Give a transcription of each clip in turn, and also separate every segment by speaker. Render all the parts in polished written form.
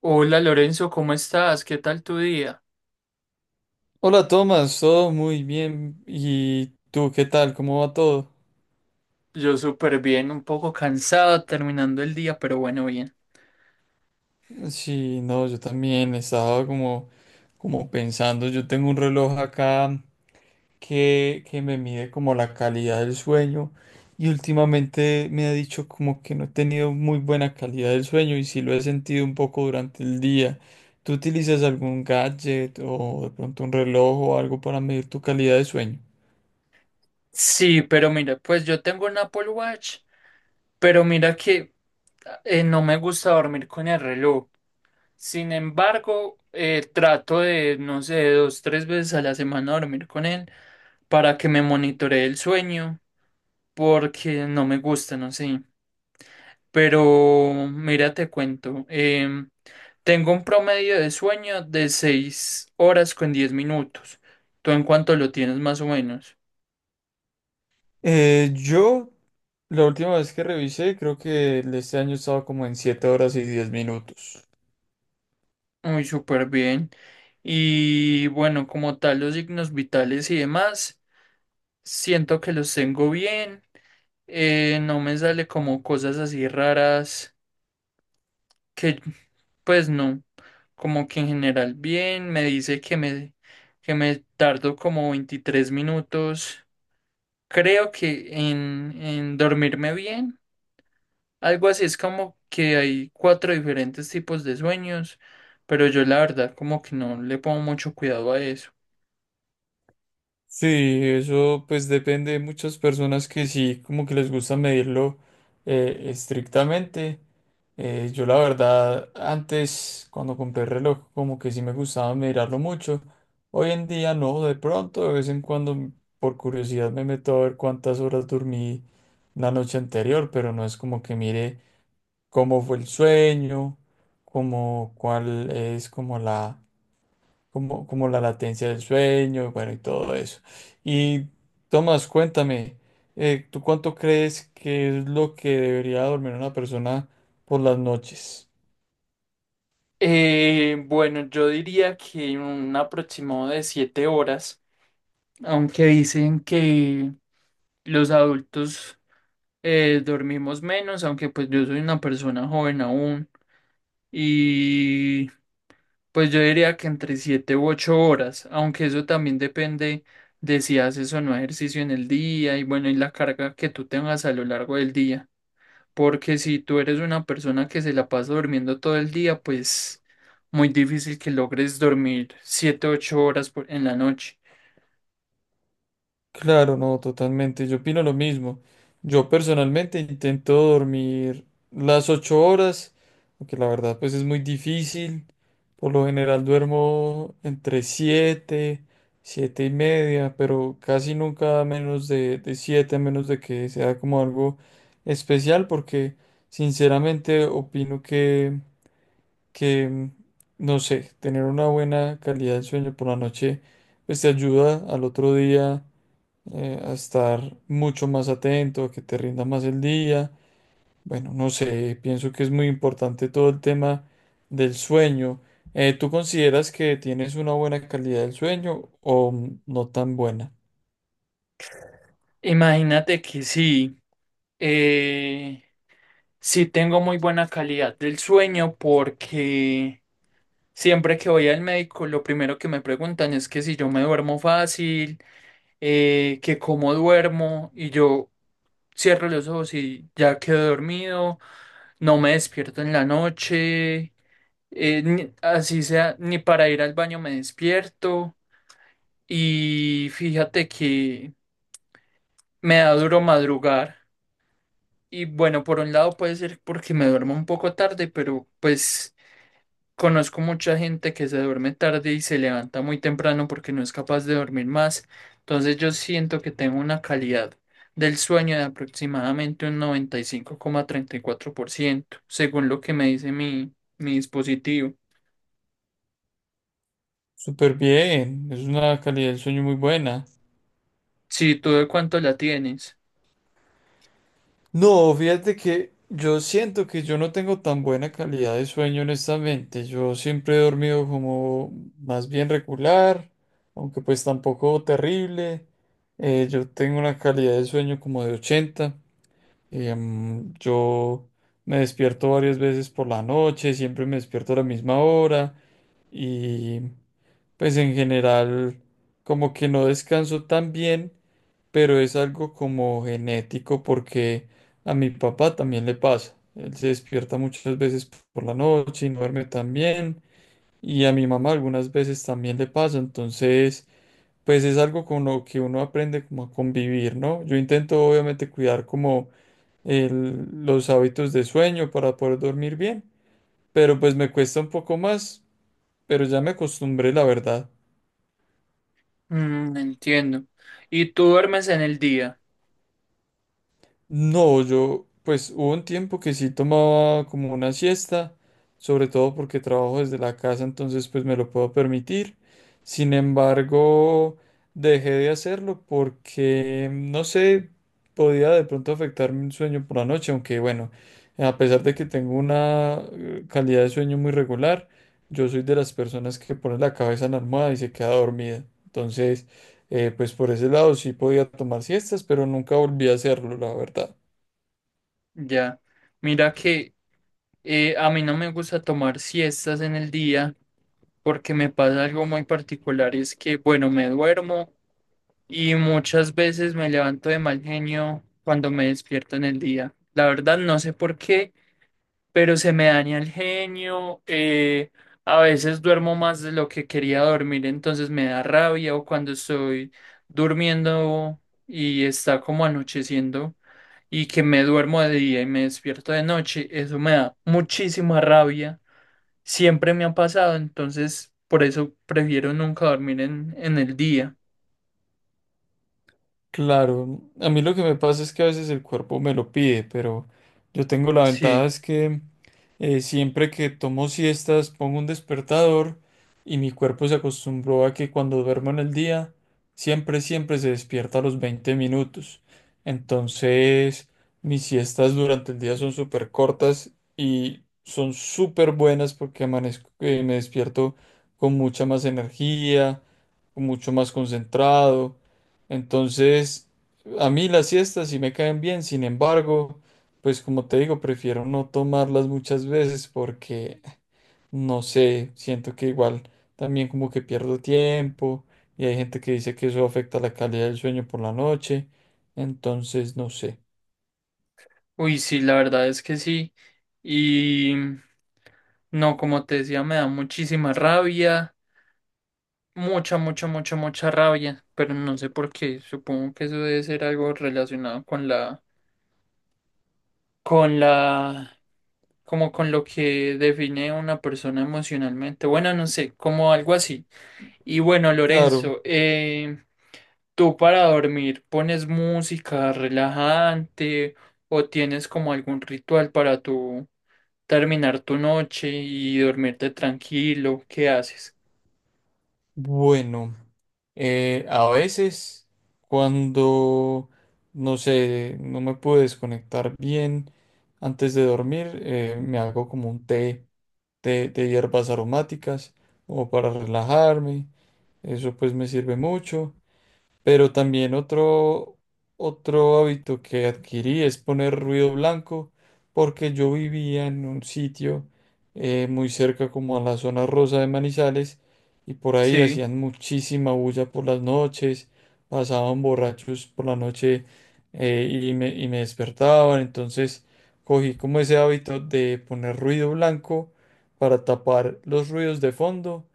Speaker 1: Hola Lorenzo, ¿cómo estás? ¿Qué tal tu día?
Speaker 2: Hola Tomás, todo muy bien. ¿Y tú qué tal? ¿Cómo va todo?
Speaker 1: Yo súper bien, un poco cansado terminando el día, pero bueno, bien.
Speaker 2: Sí, no, yo también estaba como, como pensando, yo tengo un reloj acá que me mide como la calidad del sueño y últimamente me ha dicho como que no he tenido muy buena calidad del sueño y sí lo he sentido un poco durante el día. ¿Tú utilizas algún gadget o de pronto un reloj o algo para medir tu calidad de sueño?
Speaker 1: Sí, pero mira, pues yo tengo un Apple Watch, pero mira que no me gusta dormir con el reloj. Sin embargo, trato de, no sé, dos, tres veces a la semana dormir con él para que me monitoree el sueño, porque no me gusta, no sé. Pero mira, te cuento. Tengo un promedio de sueño de 6 horas con 10 minutos. ¿Tú en cuánto lo tienes más o menos?
Speaker 2: Yo la última vez que revisé, creo que este año estaba como en 7 horas y 10 minutos.
Speaker 1: Muy súper bien. Y bueno, como tal, los signos vitales y demás, siento que los tengo bien. No me sale como cosas así raras que, pues no, como que en general bien. Me dice que me, tardo como 23 minutos. Creo que en dormirme bien. Algo así es como que hay cuatro diferentes tipos de sueños, pero yo la verdad como que no le pongo mucho cuidado a eso.
Speaker 2: Sí, eso pues depende de muchas personas que sí, como que les gusta medirlo estrictamente. Yo la verdad, antes cuando compré el reloj, como que sí me gustaba mirarlo mucho. Hoy en día no, de pronto, de vez en cuando, por curiosidad me meto a ver cuántas horas dormí la noche anterior, pero no es como que mire cómo fue el sueño, cómo, cuál es como la, como, como la latencia del sueño, bueno, y todo eso. Y Tomás, cuéntame, ¿tú cuánto crees que es lo que debería dormir una persona por las noches?
Speaker 1: Bueno, yo diría que un aproximado de 7 horas, aunque dicen que los adultos dormimos menos, aunque pues yo soy una persona joven aún y pues yo diría que entre 7 u 8 horas, aunque eso también depende de si haces o no ejercicio en el día y bueno, y la carga que tú tengas a lo largo del día. Porque si tú eres una persona que se la pasa durmiendo todo el día, pues muy difícil que logres dormir 7 u 8 horas en la noche.
Speaker 2: Claro, no, totalmente. Yo opino lo mismo. Yo personalmente intento dormir las 8 horas, aunque la verdad pues es muy difícil. Por lo general duermo entre siete, siete y media, pero casi nunca menos de siete, a menos de que sea como algo especial, porque sinceramente opino que, no sé, tener una buena calidad de sueño por la noche pues te ayuda al otro día a estar mucho más atento, a que te rinda más el día. Bueno, no sé, pienso que es muy importante todo el tema del sueño. ¿Tú consideras que tienes una buena calidad del sueño o no tan buena?
Speaker 1: Imagínate que sí, eh, sí tengo muy buena calidad del sueño porque siempre que voy al médico, lo primero que me preguntan es que si yo me duermo fácil que cómo duermo y yo cierro los ojos y ya quedo dormido, no me despierto en la noche, así sea, ni para ir al baño me despierto y fíjate que me da duro madrugar y bueno, por un lado puede ser porque me duermo un poco tarde, pero pues. Conozco mucha gente que se duerme tarde y se levanta muy temprano porque no es capaz de dormir más. Entonces yo siento que tengo una calidad del sueño de aproximadamente un 95,34%, según lo que me dice mi, mi dispositivo.
Speaker 2: Súper bien, es una calidad del sueño muy buena.
Speaker 1: ¿Si tú de cuánto la tienes?
Speaker 2: No, fíjate que yo siento que yo no tengo tan buena calidad de sueño, honestamente. Yo siempre he dormido como más bien regular, aunque pues tampoco terrible. Yo tengo una calidad de sueño como de 80. Yo me despierto varias veces por la noche, siempre me despierto a la misma hora y pues en general como que no descanso tan bien, pero es algo como genético porque a mi papá también le pasa. Él se despierta muchas veces por la noche y no duerme tan bien. Y a mi mamá algunas veces también le pasa. Entonces, pues es algo con lo que uno aprende como a convivir, ¿no? Yo intento obviamente cuidar como los hábitos de sueño para poder dormir bien, pero pues me cuesta un poco más, pero ya me acostumbré, la verdad.
Speaker 1: Entiendo. ¿Y tú duermes en el día?
Speaker 2: No, yo, pues hubo un tiempo que sí tomaba como una siesta, sobre todo porque trabajo desde la casa, entonces pues me lo puedo permitir. Sin embargo, dejé de hacerlo porque, no sé, podía de pronto afectarme un sueño por la noche, aunque bueno, a pesar de que tengo una calidad de sueño muy regular, yo soy de las personas que pone la cabeza en la almohada y se queda dormida. Entonces pues por ese lado sí podía tomar siestas, pero nunca volví a hacerlo, la verdad.
Speaker 1: Ya. Mira que a mí no me gusta tomar siestas en el día porque me pasa algo muy particular y es que, bueno, me duermo y muchas veces me levanto de mal genio cuando me despierto en el día. La verdad no sé por qué, pero se me daña el genio. A veces duermo más de lo que quería dormir, entonces me da rabia o cuando estoy durmiendo y está como anocheciendo y que me duermo de día y me despierto de noche, eso me da muchísima rabia. Siempre me ha pasado, entonces por eso prefiero nunca dormir en, el día.
Speaker 2: Claro, a mí lo que me pasa es que a veces el cuerpo me lo pide, pero yo tengo la ventaja
Speaker 1: Sí,
Speaker 2: es que siempre que tomo siestas pongo un despertador y mi cuerpo se acostumbró a que cuando duermo en el día siempre, siempre se despierta a los 20 minutos. Entonces mis siestas durante el día son súper cortas y son súper buenas porque amanezco, me despierto con mucha más energía, mucho más concentrado. Entonces, a mí las siestas sí me caen bien, sin embargo, pues como te digo, prefiero no tomarlas muchas veces porque, no sé, siento que igual también como que pierdo tiempo y hay gente que dice que eso afecta la calidad del sueño por la noche, entonces no sé.
Speaker 1: uy, sí, la verdad es que sí. Y no, como te decía, me da muchísima rabia, mucha, mucha, mucha, mucha rabia, pero no sé por qué. Supongo que eso debe ser algo relacionado con la, como con lo que define a una persona emocionalmente. Bueno, no sé, como algo así. Y bueno,
Speaker 2: Claro,
Speaker 1: Lorenzo, ¿tú para dormir pones música relajante o tienes como algún ritual para tu terminar tu noche y dormirte tranquilo? ¿Qué haces?
Speaker 2: bueno, a veces cuando, no sé, no me pude desconectar bien antes de dormir, me hago como un té de hierbas aromáticas como para relajarme. Eso pues me sirve mucho. Pero también otro hábito que adquirí es poner ruido blanco, porque yo vivía en un sitio muy cerca como a la zona rosa de Manizales y por ahí
Speaker 1: Sí,
Speaker 2: hacían muchísima bulla por las noches, pasaban borrachos por la noche y me despertaban, entonces cogí como ese hábito de poner ruido blanco para tapar los ruidos de fondo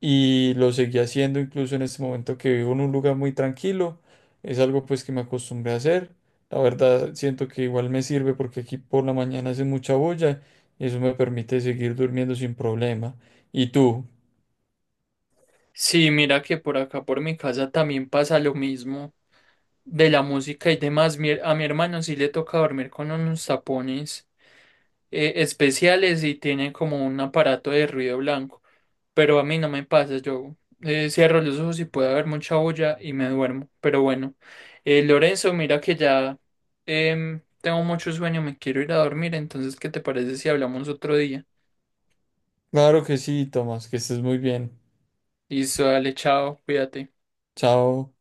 Speaker 2: y lo seguí haciendo incluso en este momento que vivo en un lugar muy tranquilo. Es algo pues que me acostumbré a hacer. La verdad siento que igual me sirve porque aquí por la mañana hace mucha bulla y eso me permite seguir durmiendo sin problema. ¿Y tú?
Speaker 1: sí, mira que por acá por mi casa también pasa lo mismo de la música y demás. A mi hermano sí le toca dormir con unos tapones. Especiales y tienen como un aparato de ruido blanco. Pero a mí no me pasa, yo cierro los ojos y puede haber mucha olla y me duermo. Pero bueno, Lorenzo, mira que ya tengo mucho sueño, me quiero ir a dormir, entonces, ¿qué te parece si hablamos otro día?
Speaker 2: Claro que sí, Tomás, que estés muy bien.
Speaker 1: Listo, dale, chao, cuídate.
Speaker 2: Chao.